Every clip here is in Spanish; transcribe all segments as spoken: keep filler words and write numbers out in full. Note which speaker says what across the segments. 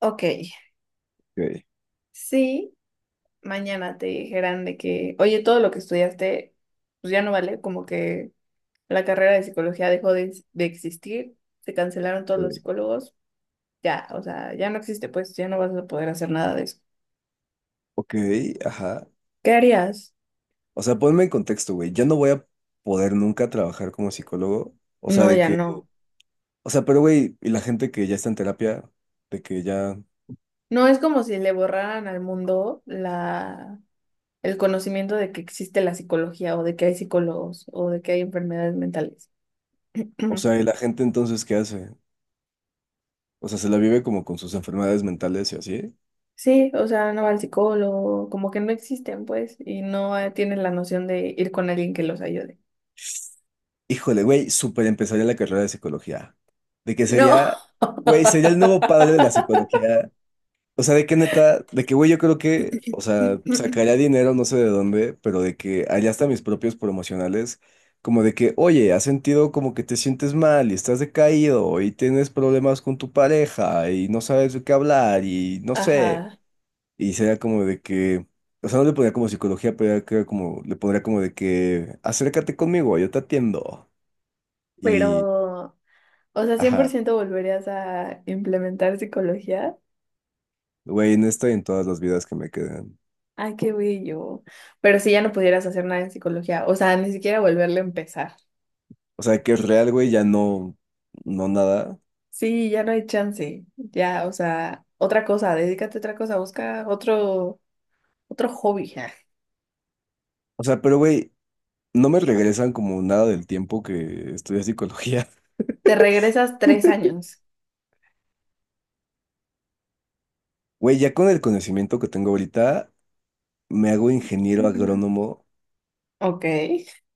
Speaker 1: Ok,
Speaker 2: Ok,
Speaker 1: sí, mañana te dijeran de que, oye, todo lo que estudiaste, pues ya no vale, como que la carrera de psicología dejó de, de existir, se cancelaron todos los psicólogos, ya, o sea, ya no existe, pues ya no vas a poder hacer nada de eso.
Speaker 2: ok, ajá.
Speaker 1: ¿Qué harías?
Speaker 2: O sea, ponme en contexto, güey. Yo no voy a poder nunca trabajar como psicólogo. O sea,
Speaker 1: No,
Speaker 2: de
Speaker 1: ya
Speaker 2: que,
Speaker 1: no.
Speaker 2: o sea, pero güey, y la gente que ya está en terapia, de que ya,
Speaker 1: No es como si le borraran al mundo la, el conocimiento de que existe la psicología o de que hay psicólogos o de que hay enfermedades mentales.
Speaker 2: o sea, y la gente entonces, ¿qué hace? O sea, se la vive como con sus enfermedades mentales y así.
Speaker 1: Sí, o sea, no va al psicólogo, como que no existen, pues, y no eh, tienen la noción de ir con alguien que los ayude.
Speaker 2: Híjole, güey, súper empezaría la carrera de psicología. De que
Speaker 1: No.
Speaker 2: sería, güey, sería el nuevo padre de la psicología. O sea, de qué neta, de que, güey, yo creo que, o sea, sacaría dinero, no sé de dónde, pero de que allá hasta mis propios promocionales, como de que, oye, has sentido como que te sientes mal y estás decaído y tienes problemas con tu pareja y no sabes de qué hablar y no sé.
Speaker 1: Ajá,
Speaker 2: Y sería como de que, o sea, no le pondría como psicología, pero era creo como, le pondría como de que, acércate conmigo, yo te atiendo. Y,
Speaker 1: pero, o sea, cien por
Speaker 2: ajá,
Speaker 1: ciento volverías a implementar psicología.
Speaker 2: güey, en esta y en todas las vidas que me quedan.
Speaker 1: Ay, qué bello. Pero si ya no pudieras hacer nada en psicología, o sea, ni siquiera volverle a empezar.
Speaker 2: O sea, que es real, güey, ya no, no nada.
Speaker 1: Sí, ya no hay chance. Ya, o sea, otra cosa, dedícate a otra cosa, busca otro, otro hobby. Ja.
Speaker 2: O sea, pero güey, no me regresan como nada del tiempo que estudié psicología.
Speaker 1: Te regresas tres años.
Speaker 2: Güey, ya con el conocimiento que tengo ahorita, me hago ingeniero
Speaker 1: Ujú.
Speaker 2: agrónomo
Speaker 1: Ok.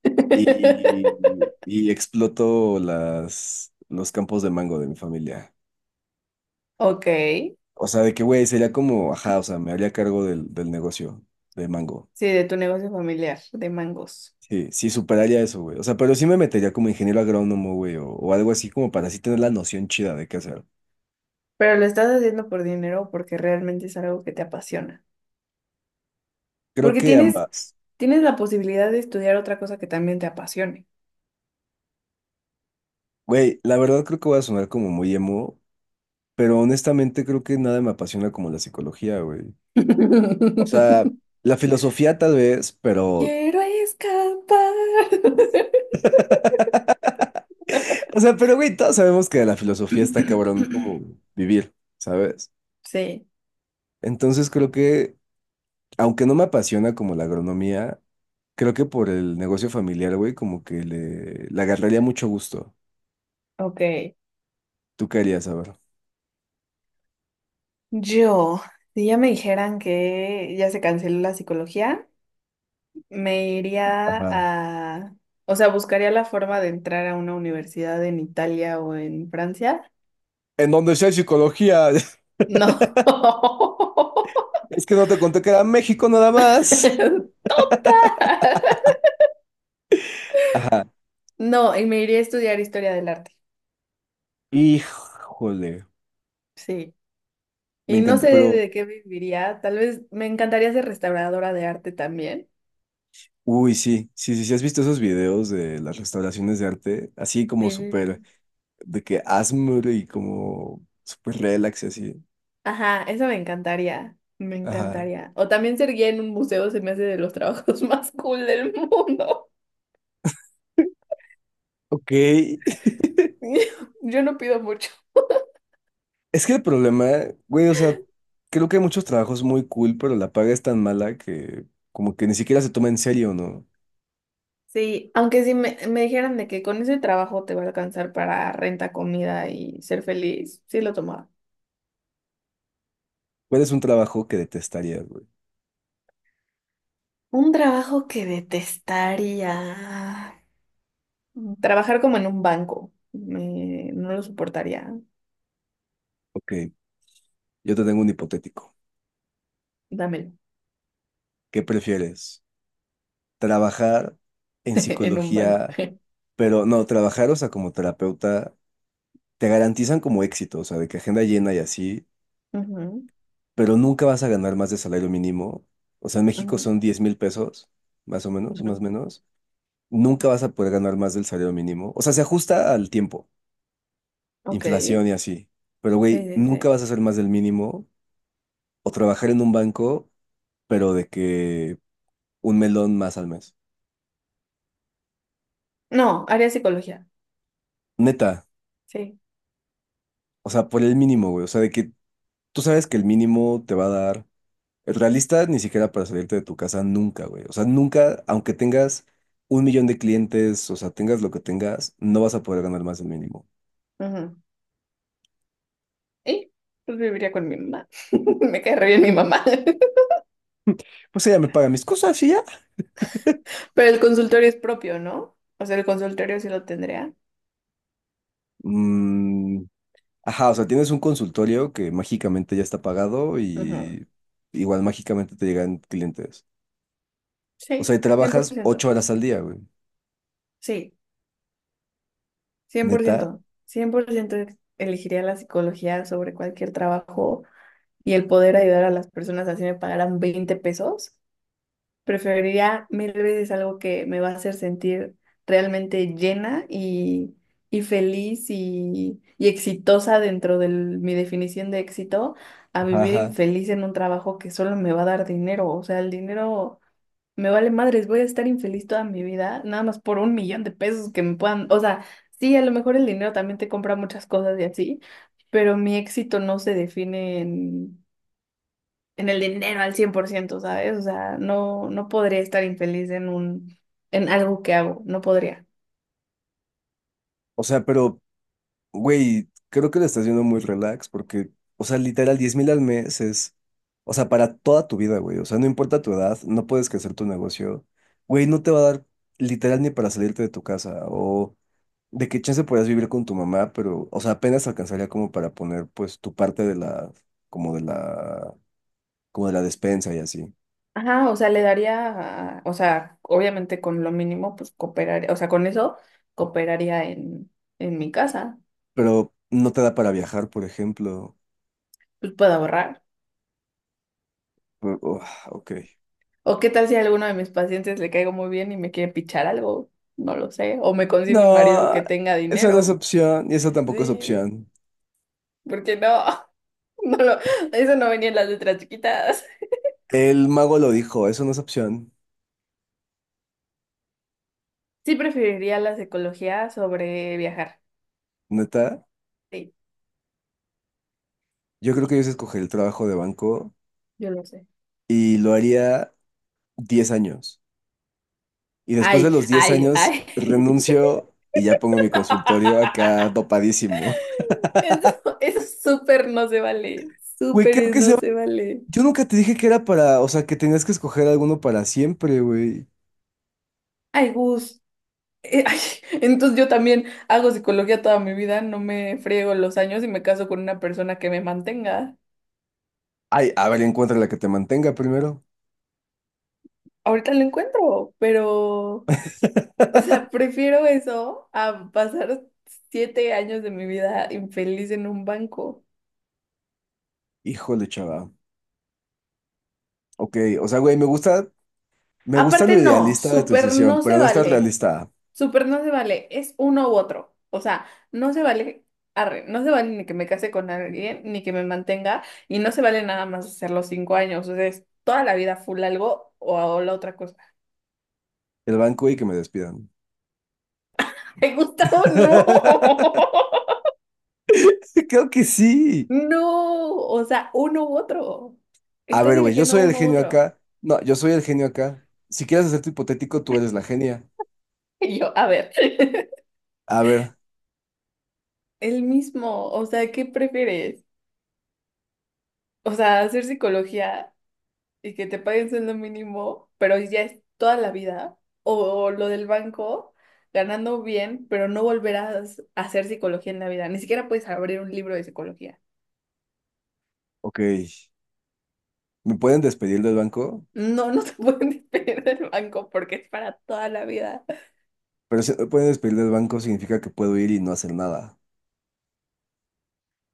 Speaker 2: y, y exploto las, los campos de mango de mi familia.
Speaker 1: Ok. Sí,
Speaker 2: O sea, de que, güey, sería como, ajá, o sea, me haría cargo del, del negocio de mango.
Speaker 1: de tu negocio familiar, de mangos.
Speaker 2: Sí, sí, superaría eso, güey. O sea, pero sí me metería como ingeniero agrónomo, güey, o, o algo así como para así tener la noción chida de qué hacer.
Speaker 1: Pero lo estás haciendo por dinero o porque realmente es algo que te apasiona.
Speaker 2: Creo
Speaker 1: Porque
Speaker 2: que
Speaker 1: tienes,
Speaker 2: ambas.
Speaker 1: tienes la posibilidad de estudiar otra cosa que también te apasione.
Speaker 2: Güey, la verdad creo que voy a sonar como muy emo, pero honestamente creo que nada me apasiona como la psicología, güey. O sea, la filosofía tal vez, pero...
Speaker 1: Quiero escapar.
Speaker 2: O sea, pero güey, todos sabemos que la filosofía está cabrón como vivir, ¿sabes?
Speaker 1: Sí,
Speaker 2: Entonces creo que, aunque no me apasiona como la agronomía, creo que por el negocio familiar, güey, como que le, le agarraría mucho gusto.
Speaker 1: ok.
Speaker 2: ¿Tú qué harías, a ver?
Speaker 1: Yo, si ya me dijeran que ya se canceló la psicología, me iría
Speaker 2: Ajá.
Speaker 1: a, o sea, buscaría la forma de entrar a una universidad en Italia o en Francia.
Speaker 2: En donde sea psicología.
Speaker 1: No.
Speaker 2: Es que no te conté que era México nada más. Ajá.
Speaker 1: No, y me iría a estudiar historia del arte.
Speaker 2: Híjole,
Speaker 1: Sí.
Speaker 2: me
Speaker 1: Y no
Speaker 2: encanta,
Speaker 1: sé
Speaker 2: pero...
Speaker 1: de qué viviría. Tal vez me encantaría ser restauradora de arte también.
Speaker 2: Uy, sí, sí, sí, sí, has visto esos videos de las restauraciones de arte, así como súper,
Speaker 1: Sí.
Speaker 2: de que Asmr y como súper relax y así.
Speaker 1: Ajá, eso me encantaría. Me
Speaker 2: Ajá.
Speaker 1: encantaría. O también ser guía en un museo se me hace de los trabajos más cool del mundo.
Speaker 2: Ok, es
Speaker 1: Yo no pido mucho.
Speaker 2: que el problema, güey, o sea, creo que hay muchos trabajos muy cool, pero la paga es tan mala que como que ni siquiera se toma en serio, ¿no?
Speaker 1: Sí, aunque si me, me dijeran de que con ese trabajo te va a alcanzar para renta, comida y ser feliz, sí lo tomaba.
Speaker 2: ¿Cuál es un trabajo que detestarías, güey?
Speaker 1: Un trabajo que detestaría. Mm. Trabajar como en un banco. Me- no lo soportaría.
Speaker 2: Ok, yo te tengo un hipotético.
Speaker 1: Dámelo.
Speaker 2: ¿Qué prefieres? ¿Trabajar en
Speaker 1: En un banco.
Speaker 2: psicología, pero no, trabajar, o sea, como terapeuta? Te garantizan como éxito, o sea, de que agenda llena y así,
Speaker 1: Ujú,
Speaker 2: pero nunca vas a ganar más de salario mínimo. O sea, en México
Speaker 1: ujú,
Speaker 2: son diez mil pesos, más o menos, más o
Speaker 1: ujú.
Speaker 2: menos. Nunca vas a poder ganar más del salario mínimo. O sea, se ajusta al tiempo,
Speaker 1: Ok. Sí,
Speaker 2: inflación y así. Pero, güey,
Speaker 1: sí,
Speaker 2: nunca
Speaker 1: sí.
Speaker 2: vas a hacer más del mínimo o trabajar en un banco, pero de que un melón más al mes.
Speaker 1: No, haría psicología.
Speaker 2: Neta,
Speaker 1: Sí.
Speaker 2: o sea, por el mínimo, güey. O sea, de que tú sabes que el mínimo te va a dar realista ni siquiera para salirte de tu casa nunca, güey. O sea, nunca, aunque tengas un millón de clientes, o sea, tengas lo que tengas, no vas a poder ganar más del mínimo.
Speaker 1: Ujú. Y pues viviría con mi mamá. Me cae re bien mi mamá.
Speaker 2: Pues ella me paga mis cosas y ya.
Speaker 1: Pero el consultorio es propio, ¿no? O sea, el consultorio sí lo tendría.
Speaker 2: Mm, ajá, o sea, tienes un consultorio que mágicamente ya está pagado
Speaker 1: Ujú.
Speaker 2: y igual mágicamente te llegan clientes. O sea,
Speaker 1: Sí,
Speaker 2: y
Speaker 1: cien por
Speaker 2: trabajas
Speaker 1: ciento
Speaker 2: ocho horas al día, güey.
Speaker 1: Sí, cien por
Speaker 2: Neta.
Speaker 1: ciento, cien por ciento elegiría la psicología sobre cualquier trabajo y el poder ayudar a las personas así me pagaran veinte pesos. Preferiría mil veces algo que me va a hacer sentir realmente llena y, y feliz y, y exitosa dentro de mi definición de éxito, a
Speaker 2: Ajá,
Speaker 1: vivir
Speaker 2: ajá.
Speaker 1: infeliz en un trabajo que solo me va a dar dinero. O sea, el dinero... Me vale madres, voy a estar infeliz toda mi vida, nada más por un millón de pesos que me puedan, o sea, sí, a lo mejor el dinero también te compra muchas cosas y así, pero mi éxito no se define en, en el dinero al cien por ciento, ¿sabes? O sea, no, no podría estar infeliz en un, en algo que hago, no podría.
Speaker 2: O sea, pero güey, creo que lo estás haciendo muy relax porque, o sea, literal, diez mil al mes es, o sea, para toda tu vida, güey. O sea, no importa tu edad, no puedes crecer tu negocio. Güey, no te va a dar literal ni para salirte de tu casa o de qué chance podrías vivir con tu mamá, pero, o sea, apenas alcanzaría como para poner, pues, tu parte de la, como de la, como de la despensa y así.
Speaker 1: Ajá, o sea, le daría, o sea, obviamente con lo mínimo, pues cooperaría, o sea, con eso cooperaría en, en mi casa,
Speaker 2: Pero no te da para viajar, por ejemplo.
Speaker 1: pues puedo ahorrar.
Speaker 2: Uf, ok.
Speaker 1: O qué tal si a alguno de mis pacientes le caigo muy bien y me quiere pichar algo, no lo sé. O me consigo un marido
Speaker 2: No,
Speaker 1: que tenga
Speaker 2: esa no es
Speaker 1: dinero.
Speaker 2: opción y esa tampoco es
Speaker 1: Sí,
Speaker 2: opción.
Speaker 1: porque no, no lo, eso no venía en las letras chiquitas.
Speaker 2: El mago lo dijo, eso no es opción,
Speaker 1: Sí preferiría la psicología sobre viajar.
Speaker 2: neta.
Speaker 1: Sí,
Speaker 2: Yo creo que yo sí escogería el trabajo de banco
Speaker 1: yo lo sé.
Speaker 2: y lo haría diez años. Y después de los
Speaker 1: Ay,
Speaker 2: diez
Speaker 1: ay,
Speaker 2: años
Speaker 1: ay.
Speaker 2: renuncio y ya pongo mi consultorio acá dopadísimo.
Speaker 1: Eso, eso súper no se vale.
Speaker 2: Güey, creo
Speaker 1: Súper
Speaker 2: que se...
Speaker 1: no se vale.
Speaker 2: Yo nunca te dije que era para, o sea, que tenías que escoger alguno para siempre, güey.
Speaker 1: Ay, Gus. Eh, ay, entonces yo también hago psicología toda mi vida, no me friego los años y me caso con una persona que me mantenga.
Speaker 2: Ay, a ver, encuentra la que te mantenga primero.
Speaker 1: Ahorita lo encuentro, pero, o sea, prefiero eso a pasar siete años de mi vida infeliz en un banco.
Speaker 2: Híjole, chava. Ok, o sea, güey, me gusta, me gusta lo
Speaker 1: Aparte, no,
Speaker 2: idealista de tu
Speaker 1: súper
Speaker 2: decisión,
Speaker 1: no se
Speaker 2: pero no estás
Speaker 1: vale.
Speaker 2: realista.
Speaker 1: Súper no se vale. Es uno u otro. O sea, no se vale, arre, no se vale ni que me case con alguien, ni que me mantenga, y no se vale nada más hacer los cinco años. O sea, es toda la vida full algo o, o la otra cosa.
Speaker 2: El banco y que me despidan.
Speaker 1: Me gusta o no.
Speaker 2: Creo que sí.
Speaker 1: No, o sea, uno u otro.
Speaker 2: A
Speaker 1: Estás
Speaker 2: ver, güey, yo
Speaker 1: eligiendo
Speaker 2: soy el
Speaker 1: uno u
Speaker 2: genio
Speaker 1: otro.
Speaker 2: acá. No, yo soy el genio acá. Si quieres hacer tu hipotético, tú eres la genia.
Speaker 1: Y yo, a ver,
Speaker 2: A ver,
Speaker 1: el mismo, o sea, ¿qué prefieres? O sea, hacer psicología y que te paguen sueldo mínimo, pero ya es toda la vida, o lo del banco, ganando bien, pero no volverás a hacer psicología en la vida, ni siquiera puedes abrir un libro de psicología.
Speaker 2: ok. ¿Me pueden despedir del banco?
Speaker 1: No, no te pueden despedir del banco porque es para toda la vida.
Speaker 2: Pero si no me pueden despedir del banco significa que puedo ir y no hacer nada.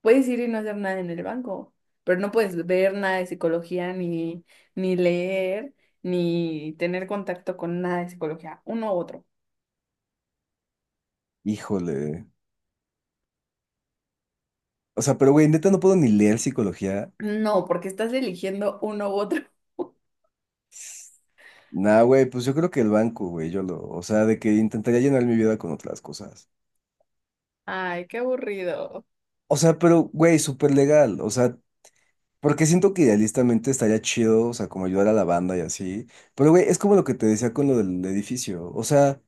Speaker 1: Puedes ir y no hacer nada en el banco, pero no puedes ver nada de psicología, ni, ni leer, ni tener contacto con nada de psicología, uno u otro.
Speaker 2: Híjole. O sea, pero güey, neta no puedo ni leer psicología.
Speaker 1: No, porque estás eligiendo uno u otro.
Speaker 2: Nah, güey, pues yo creo que el banco, güey, yo lo, o sea, de que intentaría llenar mi vida con otras cosas.
Speaker 1: Ay, qué aburrido.
Speaker 2: O sea, pero, güey, súper legal. O sea, porque siento que idealistamente estaría chido, o sea, como ayudar a la banda y así. Pero, güey, es como lo que te decía con lo del edificio. O sea,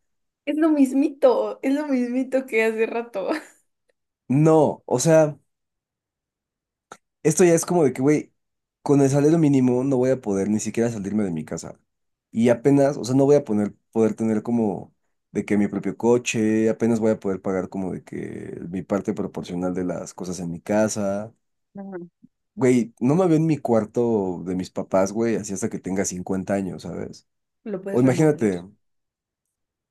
Speaker 1: Es lo mismito, es lo mismito que hace rato.
Speaker 2: no, o sea, esto ya es como de que, güey, con el salario mínimo no voy a poder ni siquiera salirme de mi casa. Y apenas, o sea, no voy a poner, poder tener como de que mi propio coche, apenas voy a poder pagar como de que mi parte proporcional de las cosas en mi casa.
Speaker 1: Ujú.
Speaker 2: Güey, no me veo en mi cuarto de mis papás, güey, así hasta que tenga cincuenta años, ¿sabes?
Speaker 1: Lo
Speaker 2: O
Speaker 1: puedes remodelar.
Speaker 2: imagínate.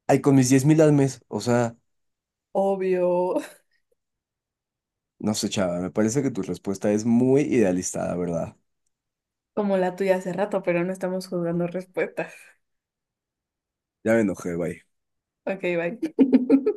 Speaker 2: Ay, con mis diez mil al mes. O sea,
Speaker 1: Obvio,
Speaker 2: no sé, chava, me parece que tu respuesta es muy idealista, la verdad.
Speaker 1: como la tuya hace rato, pero no estamos juzgando respuestas.
Speaker 2: Ya me enojé, bye.
Speaker 1: Ok, bye.